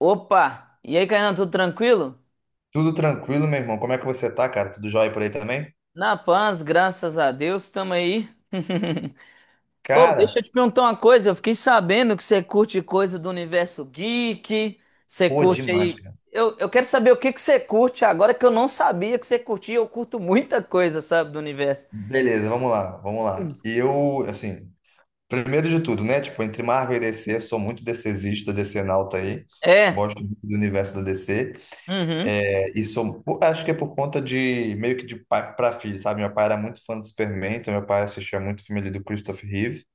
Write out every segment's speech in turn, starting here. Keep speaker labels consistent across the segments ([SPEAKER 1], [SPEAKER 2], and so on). [SPEAKER 1] Opa! E aí, Kainan, tudo tranquilo?
[SPEAKER 2] Tudo tranquilo, meu irmão. Como é que você tá, cara? Tudo jóia por aí também?
[SPEAKER 1] Na paz, graças a Deus, tamo aí. Ô, deixa
[SPEAKER 2] Cara,
[SPEAKER 1] eu te perguntar uma coisa. Eu fiquei sabendo que você curte coisa do universo geek. Você
[SPEAKER 2] pô,
[SPEAKER 1] curte
[SPEAKER 2] demais,
[SPEAKER 1] aí.
[SPEAKER 2] cara.
[SPEAKER 1] Eu quero saber o que que você curte agora que eu não sabia que você curtia. Eu curto muita coisa, sabe, do universo.
[SPEAKER 2] Beleza, vamos lá, vamos lá. E eu, assim, primeiro de tudo, né? Tipo, entre Marvel e DC, eu sou muito DCzista, DCnauta aí.
[SPEAKER 1] É.
[SPEAKER 2] Gosto muito do universo da DC.
[SPEAKER 1] Uhum.
[SPEAKER 2] É, e sou, pô, acho que é por conta de, meio que de pai pra filho, sabe? Meu pai era muito fã do Superman, então meu pai assistia muito filme ali do Christopher Reeve.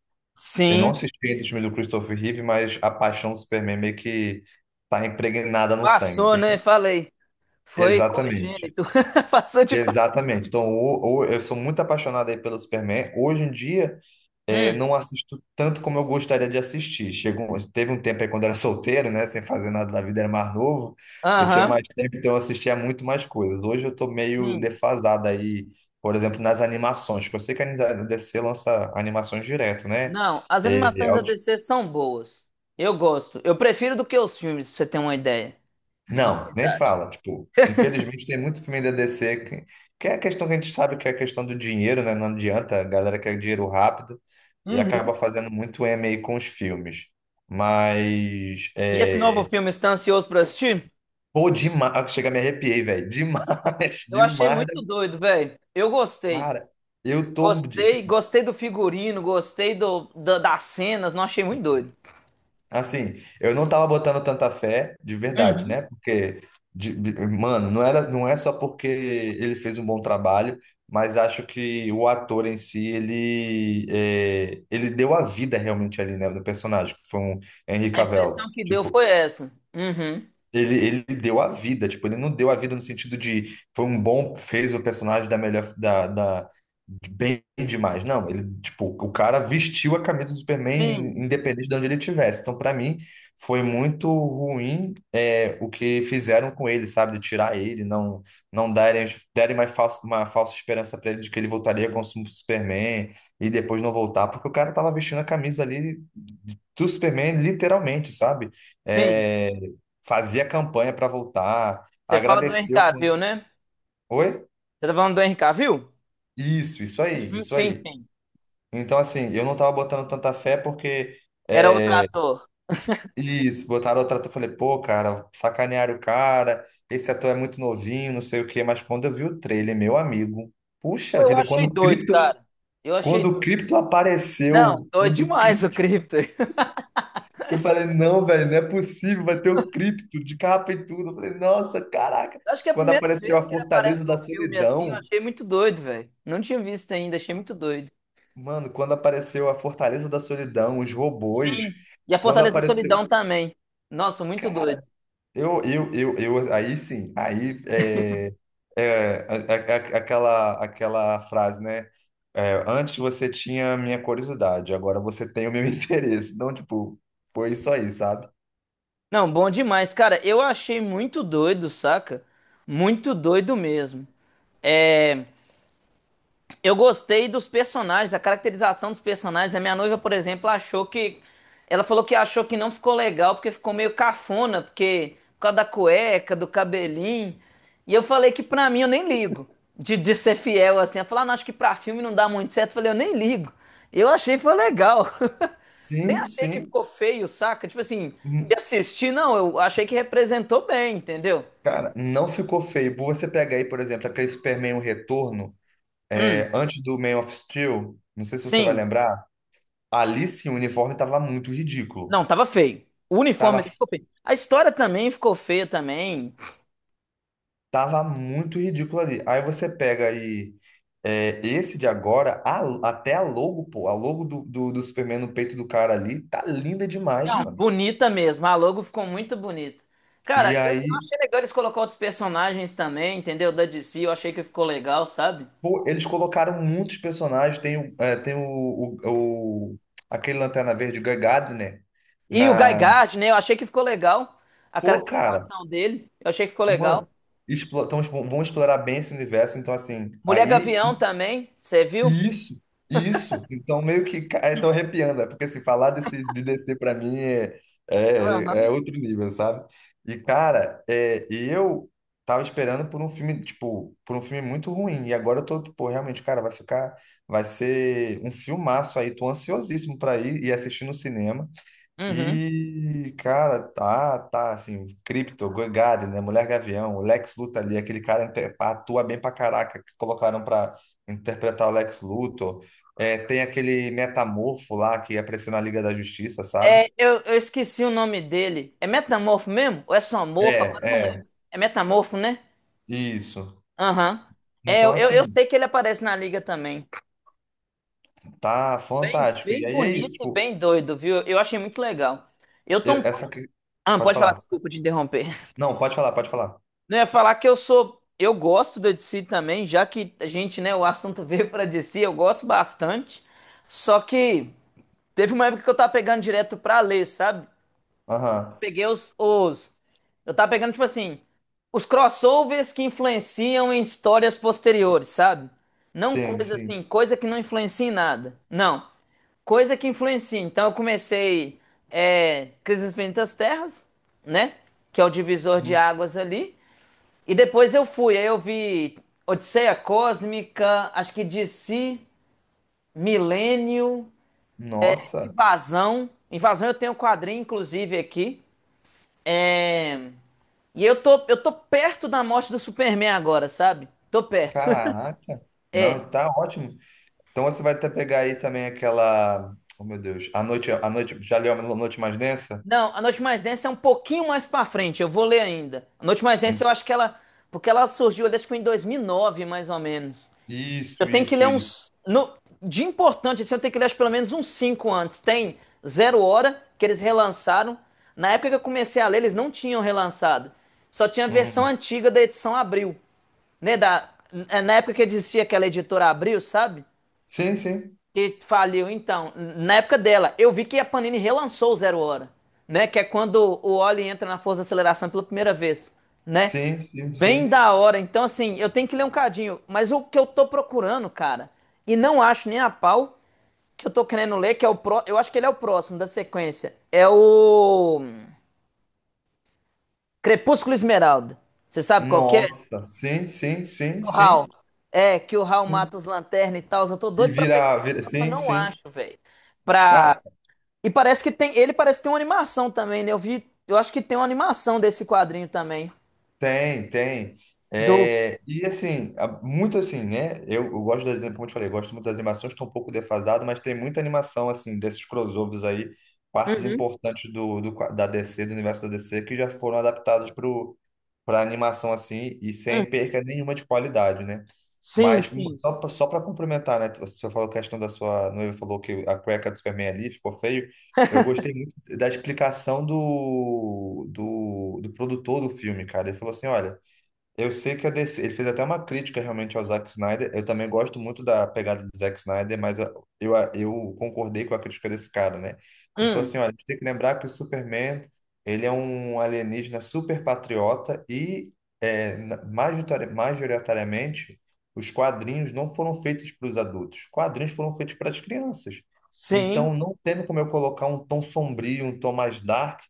[SPEAKER 2] Eu não
[SPEAKER 1] Sim.
[SPEAKER 2] assisti ainda o filme do Christopher Reeve, mas a paixão do Superman meio que tá impregnada no sangue,
[SPEAKER 1] Passou, né?
[SPEAKER 2] entende?
[SPEAKER 1] Falei. Foi
[SPEAKER 2] Exatamente.
[SPEAKER 1] cogênito. Passou de.
[SPEAKER 2] Exatamente. Então, eu sou muito apaixonado aí pelo Superman. Hoje em dia,
[SPEAKER 1] Hum.
[SPEAKER 2] não assisto tanto como eu gostaria de assistir. Teve um tempo aí quando eu era solteiro, né? Sem fazer nada da vida, era mais novo. Eu tinha
[SPEAKER 1] Aham.
[SPEAKER 2] mais tempo, então eu assistia muito mais coisas. Hoje eu tô meio
[SPEAKER 1] Sim.
[SPEAKER 2] defasado aí, por exemplo, nas animações, que eu sei que a DC lança animações direto, né?
[SPEAKER 1] Não, as
[SPEAKER 2] Eh,
[SPEAKER 1] animações
[SPEAKER 2] a
[SPEAKER 1] da
[SPEAKER 2] ulti-
[SPEAKER 1] DC são boas. Eu gosto. Eu prefiro do que os filmes, pra você ter uma ideia. De
[SPEAKER 2] não, nem
[SPEAKER 1] verdade.
[SPEAKER 2] fala. Tipo, infelizmente tem muito filme da DC que é a questão que a gente sabe que é a questão do dinheiro, né? Não adianta, a galera quer dinheiro rápido. E acaba
[SPEAKER 1] Uhum.
[SPEAKER 2] fazendo muito MA com os filmes. Mas,
[SPEAKER 1] E esse novo filme, você tá ansioso pra assistir?
[SPEAKER 2] pô, demais. Ah, chega, me arrepiei, velho. Demais,
[SPEAKER 1] Eu achei
[SPEAKER 2] demais da
[SPEAKER 1] muito doido, velho. Eu gostei.
[SPEAKER 2] cara. Eu tô,
[SPEAKER 1] Gostei,
[SPEAKER 2] assim,
[SPEAKER 1] gostei do figurino, gostei das cenas, não achei muito doido.
[SPEAKER 2] assim, eu não tava botando tanta fé, de verdade,
[SPEAKER 1] Uhum.
[SPEAKER 2] né? Porque, mano, não era, não é só porque ele fez um bom trabalho, mas acho que o ator em si, ele deu a vida realmente ali, né, do personagem, que foi um Henry
[SPEAKER 1] A
[SPEAKER 2] Cavill.
[SPEAKER 1] impressão que deu
[SPEAKER 2] Tipo,
[SPEAKER 1] foi essa. Uhum.
[SPEAKER 2] ele deu a vida, tipo, ele não deu a vida no sentido de foi um bom, fez o personagem da melhor, da de bem demais. Não, ele, tipo, o cara vestiu a camisa do Superman
[SPEAKER 1] Sim,
[SPEAKER 2] independente de onde ele estivesse. Então, pra mim, foi muito ruim o que fizeram com ele, sabe? De tirar ele, não não darem, derem mais falso, uma falsa esperança pra ele de que ele voltaria com o Superman e depois não voltar, porque o cara tava vestindo a camisa ali do Superman, literalmente, sabe?
[SPEAKER 1] sim.
[SPEAKER 2] É, fazia campanha para voltar,
[SPEAKER 1] Você fala do Henry
[SPEAKER 2] agradeceu com...
[SPEAKER 1] Cavill, né?
[SPEAKER 2] Oi?
[SPEAKER 1] Você tá falando do Henry Cavill?
[SPEAKER 2] Isso aí,
[SPEAKER 1] Uhum,
[SPEAKER 2] isso
[SPEAKER 1] sim,
[SPEAKER 2] aí.
[SPEAKER 1] sim.
[SPEAKER 2] Então, assim, eu não tava botando tanta fé porque
[SPEAKER 1] Era outro ator.
[SPEAKER 2] isso, botaram outra ator, eu falei, pô, cara, sacanearam o cara, esse ator é muito novinho, não sei o quê, mas quando eu vi o trailer, meu amigo,
[SPEAKER 1] Pô,
[SPEAKER 2] puxa
[SPEAKER 1] eu
[SPEAKER 2] vida,
[SPEAKER 1] achei doido, cara. Eu achei
[SPEAKER 2] Quando o
[SPEAKER 1] doido.
[SPEAKER 2] Crypto
[SPEAKER 1] Não,
[SPEAKER 2] apareceu,
[SPEAKER 1] doido demais o Krypto.
[SPEAKER 2] Eu falei, não, velho, não é possível, vai ter o Crypto de capa e tudo. Eu falei, nossa, caraca,
[SPEAKER 1] Acho que é a
[SPEAKER 2] quando
[SPEAKER 1] primeira
[SPEAKER 2] apareceu a
[SPEAKER 1] vez que ele
[SPEAKER 2] Fortaleza
[SPEAKER 1] aparece
[SPEAKER 2] da
[SPEAKER 1] num filme assim, eu
[SPEAKER 2] Solidão,
[SPEAKER 1] achei muito doido, velho. Não tinha visto ainda, achei muito doido.
[SPEAKER 2] Mano, quando apareceu a Fortaleza da Solidão, os robôs,
[SPEAKER 1] Sim, e a
[SPEAKER 2] quando
[SPEAKER 1] Fortaleza da
[SPEAKER 2] apareceu.
[SPEAKER 1] Solidão também. Nossa, muito doido.
[SPEAKER 2] Cara, eu aí sim, aí aquela frase, né? É, antes você tinha a minha curiosidade, agora você tem o meu interesse. Então, tipo, foi isso aí, sabe?
[SPEAKER 1] Não, bom demais, cara. Eu achei muito doido, saca? Muito doido mesmo. É, eu gostei dos personagens, a caracterização dos personagens. A minha noiva, por exemplo, achou que. Ela falou que achou que não ficou legal porque ficou meio cafona, porque por causa da cueca, do cabelinho. E eu falei que pra mim eu nem ligo de ser fiel assim. Ela falou, ah, não, acho que pra filme não dá muito certo. Eu falei, eu nem ligo. Eu achei que foi legal. Nem
[SPEAKER 2] Sim,
[SPEAKER 1] achei que
[SPEAKER 2] sim.
[SPEAKER 1] ficou feio, saca? Tipo assim,
[SPEAKER 2] Hum,
[SPEAKER 1] de assistir, não, eu achei que representou bem, entendeu?
[SPEAKER 2] Cara, não ficou feio. Você pega aí, por exemplo, aquele Superman O Retorno,
[SPEAKER 1] Hum,
[SPEAKER 2] antes do Man of Steel, não sei se você vai
[SPEAKER 1] sim.
[SPEAKER 2] lembrar. Ali sim, o uniforme tava muito ridículo.
[SPEAKER 1] Não, tava feio. O uniforme
[SPEAKER 2] Tava,
[SPEAKER 1] ali ficou feio. A história também ficou feia também.
[SPEAKER 2] tava muito ridículo ali. Aí você pega aí esse de agora, até a logo, pô, a logo do Superman no peito do cara ali, tá linda demais,
[SPEAKER 1] Não,
[SPEAKER 2] mano.
[SPEAKER 1] bonita mesmo. A logo ficou muito bonita.
[SPEAKER 2] E
[SPEAKER 1] Cara, eu
[SPEAKER 2] aí,
[SPEAKER 1] achei legal eles colocar outros personagens também, entendeu? Da DC, eu achei que ficou legal, sabe?
[SPEAKER 2] pô, eles colocaram muitos personagens. Tem o, o- aquele Lanterna Verde, o Guy Gardner, né?
[SPEAKER 1] E o Guy
[SPEAKER 2] na...
[SPEAKER 1] Gard, né? Eu achei que ficou legal. A
[SPEAKER 2] Pô, cara,
[SPEAKER 1] caracterização dele, eu achei que ficou legal.
[SPEAKER 2] mano, vão explorar bem esse universo, então assim,
[SPEAKER 1] Mulher
[SPEAKER 2] aí
[SPEAKER 1] Gavião também, você viu?
[SPEAKER 2] isso, isso. Então, meio que. Tô arrepiando, é porque se falar desse, de DC pra mim é, é,
[SPEAKER 1] Aham.
[SPEAKER 2] é outro nível, sabe? E, cara, eu tava esperando por um filme, tipo, por um filme muito ruim. E agora eu tô, tipo, realmente, cara, vai ficar. Vai ser um filmaço aí. Tô ansiosíssimo pra ir e assistir no cinema.
[SPEAKER 1] Uhum.
[SPEAKER 2] E, cara, tá, assim, Crypto, Gogari, né, Mulher Gavião, o Lex Luthor ali, aquele cara atua bem pra caraca, que colocaram pra interpretar o Lex Luthor. É, tem aquele Metamorfo lá, que apareceu na Liga da Justiça, sabe?
[SPEAKER 1] É, eu esqueci o nome dele. É Metamorfo mesmo? Ou é Somorfo?
[SPEAKER 2] É,
[SPEAKER 1] Agora eu não
[SPEAKER 2] é,
[SPEAKER 1] lembro. É Metamorfo, né?
[SPEAKER 2] isso.
[SPEAKER 1] Aham. É,
[SPEAKER 2] Então,
[SPEAKER 1] eu
[SPEAKER 2] assim,
[SPEAKER 1] sei que ele aparece na liga também.
[SPEAKER 2] tá
[SPEAKER 1] Bem,
[SPEAKER 2] fantástico. E
[SPEAKER 1] bem
[SPEAKER 2] aí é isso,
[SPEAKER 1] bonito e
[SPEAKER 2] tipo,
[SPEAKER 1] bem doido, viu? Eu achei muito legal. Eu tô um...
[SPEAKER 2] e-
[SPEAKER 1] pouco-
[SPEAKER 2] essa... que-
[SPEAKER 1] Ah,
[SPEAKER 2] pode
[SPEAKER 1] pode falar,
[SPEAKER 2] falar.
[SPEAKER 1] desculpa te interromper.
[SPEAKER 2] Não, pode falar, pode falar.
[SPEAKER 1] Não, eu ia falar que eu sou. Eu gosto da DC também, já que a gente, né, o assunto veio pra DC, eu gosto bastante. Só que teve uma época que eu tava pegando direto pra ler, sabe?
[SPEAKER 2] Aham,
[SPEAKER 1] Peguei os. Eu tava pegando, tipo assim, os crossovers que influenciam em histórias posteriores, sabe? Não
[SPEAKER 2] sim,
[SPEAKER 1] coisa
[SPEAKER 2] sim.
[SPEAKER 1] assim, coisa que não influencia em nada. Não, coisa que influencia. Então eu comecei Crise nas Infinitas Terras, né? Que é o divisor de
[SPEAKER 2] Hum,
[SPEAKER 1] águas ali. E depois eu fui, aí eu vi Odisseia Cósmica, acho que DC, Milênio,
[SPEAKER 2] Nossa,
[SPEAKER 1] Invasão. Invasão eu tenho um quadrinho, inclusive, aqui. É. E eu tô perto da morte do Superman agora, sabe? Tô perto.
[SPEAKER 2] caraca.
[SPEAKER 1] É.
[SPEAKER 2] Não, tá ótimo. Então você vai até pegar aí também aquela. Oh, meu Deus. Já leu a noite mais densa?
[SPEAKER 1] Não, A Noite Mais Densa é um pouquinho mais pra frente, eu vou ler ainda. A Noite Mais Densa
[SPEAKER 2] Hum,
[SPEAKER 1] eu acho que ela. Porque ela surgiu, eu acho que em 2009, mais ou menos.
[SPEAKER 2] Isso,
[SPEAKER 1] Eu tenho que
[SPEAKER 2] isso,
[SPEAKER 1] ler
[SPEAKER 2] isso.
[SPEAKER 1] uns. De importante, assim, eu tenho que ler acho, pelo menos uns 5 antes. Tem Zero Hora, que eles relançaram. Na época que eu comecei a ler, eles não tinham relançado. Só tinha a versão
[SPEAKER 2] Uhum.
[SPEAKER 1] antiga da edição Abril, né, da, é na época que existia aquela editora Abril, sabe?
[SPEAKER 2] Sim, sim.
[SPEAKER 1] Que faliu. Então, na época dela, eu vi que a Panini relançou o Zero Hora, né? Que é quando o Oli entra na força de aceleração pela primeira vez, né?
[SPEAKER 2] Sim, sim,
[SPEAKER 1] Bem
[SPEAKER 2] sim.
[SPEAKER 1] da hora. Então, assim, eu tenho que ler um cadinho. Mas o que eu tô procurando, cara, e não acho nem a pau, que eu tô querendo ler, que é o pró... Eu acho que ele é o próximo da sequência. É o Crepúsculo Esmeralda. Você sabe qual que é?
[SPEAKER 2] Nossa, sim, sim, sim,
[SPEAKER 1] Do Hal.
[SPEAKER 2] sim.
[SPEAKER 1] É, que o Hal
[SPEAKER 2] Sim.
[SPEAKER 1] mata os lanternas e tal. Eu tô
[SPEAKER 2] E
[SPEAKER 1] doido pra pegar
[SPEAKER 2] virar,
[SPEAKER 1] esse,
[SPEAKER 2] vira, vira-
[SPEAKER 1] só que eu
[SPEAKER 2] sim,
[SPEAKER 1] não
[SPEAKER 2] sim.
[SPEAKER 1] acho, velho, pra.
[SPEAKER 2] Cara,
[SPEAKER 1] E parece que tem, ele parece que tem uma animação também, né? Eu vi, eu acho que tem uma animação desse quadrinho também.
[SPEAKER 2] tem.
[SPEAKER 1] Do.
[SPEAKER 2] É, e assim, muito assim, né? Eu gosto das, como eu te falei, eu gosto muito das animações, estou um pouco defasado, mas tem muita animação, assim, desses crossovers aí, partes
[SPEAKER 1] Uhum,
[SPEAKER 2] importantes do da DC, do universo da DC, que já foram adaptadas para animação, assim, e
[SPEAKER 1] uhum.
[SPEAKER 2] sem perca nenhuma de qualidade, né?
[SPEAKER 1] Sim,
[SPEAKER 2] Mas
[SPEAKER 1] sim.
[SPEAKER 2] só, para complementar, né? Você falou a questão da sua noiva, falou que a cueca do Superman ali ficou feio. Eu gostei muito da explicação do produtor do filme, cara. Ele falou assim: olha, eu sei que a DC, ele fez até uma crítica realmente ao Zack Snyder. Eu também gosto muito da pegada do Zack Snyder, mas eu concordei com a crítica desse cara, né? Ele falou
[SPEAKER 1] Hum,
[SPEAKER 2] assim, olha, a gente tem que lembrar que o Superman, ele é um alienígena super patriota e majoritariamente os quadrinhos não foram feitos para os adultos. Os quadrinhos foram feitos para as crianças.
[SPEAKER 1] sim,
[SPEAKER 2] Então não tem como eu colocar um tom sombrio, um tom mais dark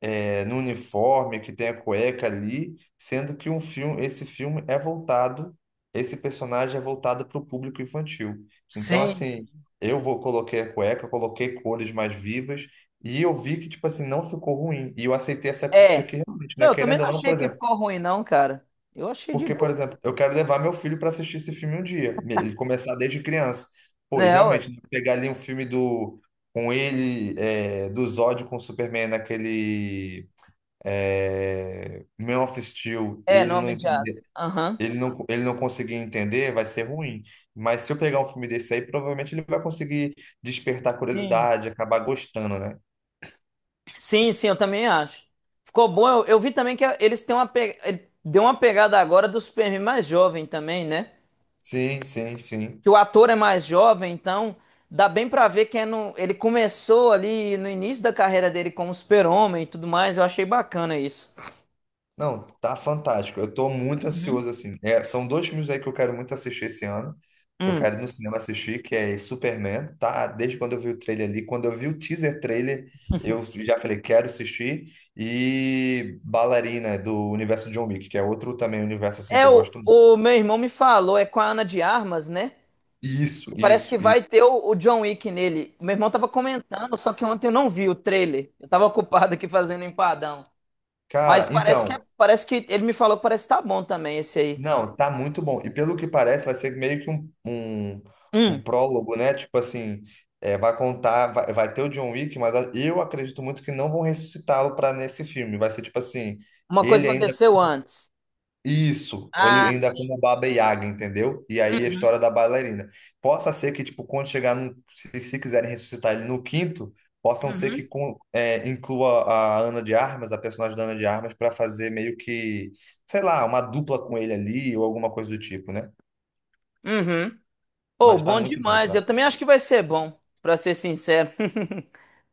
[SPEAKER 2] no uniforme, que tem a cueca ali, sendo que um filme, esse filme é voltado, esse personagem é voltado para o público infantil. Então,
[SPEAKER 1] sim.
[SPEAKER 2] assim, eu vou coloquei a cueca, coloquei cores mais vivas e eu vi que, tipo assim, não ficou ruim. E eu aceitei essa crítica
[SPEAKER 1] É.
[SPEAKER 2] aqui realmente,
[SPEAKER 1] Não,
[SPEAKER 2] né?
[SPEAKER 1] eu também
[SPEAKER 2] Querendo ou
[SPEAKER 1] não
[SPEAKER 2] não, por
[SPEAKER 1] achei que
[SPEAKER 2] exemplo,
[SPEAKER 1] ficou ruim, não, cara. Eu achei de
[SPEAKER 2] porque, por
[SPEAKER 1] boa.
[SPEAKER 2] exemplo, eu quero levar meu filho para assistir esse filme um dia, ele começar desde criança. Pô, e
[SPEAKER 1] Né, ué?
[SPEAKER 2] realmente, né, pegar ali um filme do com ele, do Zod com o Superman naquele meu assistiu e
[SPEAKER 1] É,
[SPEAKER 2] ele não
[SPEAKER 1] nome de
[SPEAKER 2] entender,
[SPEAKER 1] aço. Aham.
[SPEAKER 2] ele não conseguir entender, vai ser ruim. Mas se eu pegar um filme desse aí, provavelmente ele vai conseguir despertar
[SPEAKER 1] Sim.
[SPEAKER 2] curiosidade, acabar gostando, né?
[SPEAKER 1] Sim, sim, eu também acho. Ficou bom. Eu vi também que eles têm uma pe... ele deu uma pegada agora do Superman mais jovem também, né?
[SPEAKER 2] Sim, sim, sim.
[SPEAKER 1] Que o ator é mais jovem, então dá bem pra ver que é ele começou ali no início da carreira dele como super-homem e tudo mais. Eu achei bacana isso.
[SPEAKER 2] Não, tá fantástico. Eu tô muito
[SPEAKER 1] Uhum.
[SPEAKER 2] ansioso, assim. É, são dois filmes aí que eu quero muito assistir esse ano, que eu
[SPEAKER 1] Hum.
[SPEAKER 2] quero ir no cinema assistir, que é Superman, tá? Desde quando eu vi o trailer ali, quando eu vi o teaser trailer, eu já falei, quero assistir. E Ballerina, do universo John Wick, que é outro também universo, assim, que
[SPEAKER 1] É,
[SPEAKER 2] eu
[SPEAKER 1] o,
[SPEAKER 2] gosto muito.
[SPEAKER 1] o meu irmão me falou, é com a Ana de Armas, né?
[SPEAKER 2] Isso,
[SPEAKER 1] E parece
[SPEAKER 2] isso,
[SPEAKER 1] que vai
[SPEAKER 2] isso.
[SPEAKER 1] ter o John Wick nele. Meu irmão tava comentando, só que ontem eu não vi o trailer. Eu tava ocupado aqui fazendo empadão. Mas
[SPEAKER 2] Cara,
[SPEAKER 1] parece que
[SPEAKER 2] então,
[SPEAKER 1] é- parece que ele me falou que parece que tá bom também esse aí.
[SPEAKER 2] não, tá muito bom. E pelo que parece, vai ser meio que um, um
[SPEAKER 1] Hum.
[SPEAKER 2] prólogo, né? Tipo assim, vai contar, vai ter o John Wick, mas eu acredito muito que não vão ressuscitá-lo para nesse filme. Vai ser tipo assim,
[SPEAKER 1] Uma
[SPEAKER 2] ele
[SPEAKER 1] coisa
[SPEAKER 2] ainda
[SPEAKER 1] aconteceu antes.
[SPEAKER 2] isso, ou ele
[SPEAKER 1] Ah,
[SPEAKER 2] ainda é
[SPEAKER 1] sim.
[SPEAKER 2] como Baba Yaga, entendeu? E aí a história da bailarina. Possa ser que, tipo, quando chegar se quiserem ressuscitar ele no quinto, possam ser que
[SPEAKER 1] Uhum.
[SPEAKER 2] inclua a Ana de Armas, a personagem da Ana de Armas, para fazer meio que, sei lá, uma dupla com ele ali ou alguma coisa do tipo, né?
[SPEAKER 1] Uhum. Oh,
[SPEAKER 2] Mas tá
[SPEAKER 1] bom
[SPEAKER 2] muito bom,
[SPEAKER 1] demais.
[SPEAKER 2] cara.
[SPEAKER 1] Eu também acho que vai ser bom, pra ser sincero.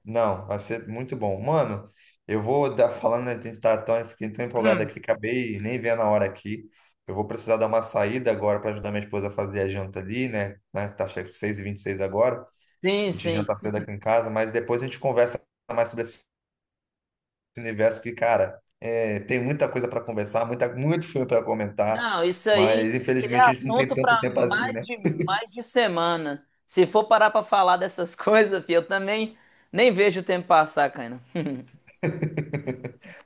[SPEAKER 2] Não, vai ser muito bom. Mano, eu vou dar, falando, a gente tá tão, fiquei tão empolgado
[SPEAKER 1] Hum,
[SPEAKER 2] aqui, acabei nem vendo a hora aqui. Eu vou precisar dar uma saída agora para ajudar minha esposa a fazer a janta ali, né? Né, tá chegando 6:26 agora. A
[SPEAKER 1] sim,
[SPEAKER 2] gente
[SPEAKER 1] sim.
[SPEAKER 2] janta cedo aqui em casa, mas depois a gente conversa mais sobre esse universo que, cara, tem muita coisa para conversar, muita, muito filme para comentar,
[SPEAKER 1] Não, isso aí
[SPEAKER 2] mas
[SPEAKER 1] é
[SPEAKER 2] infelizmente a gente não tem
[SPEAKER 1] assunto
[SPEAKER 2] tanto
[SPEAKER 1] para
[SPEAKER 2] tempo assim, né?
[SPEAKER 1] mais de semana. Se for parar para falar dessas coisas, fi, eu também nem vejo o tempo passar, cara.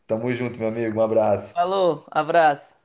[SPEAKER 2] Tamo junto, meu amigo. Um abraço.
[SPEAKER 1] Falou, abraço.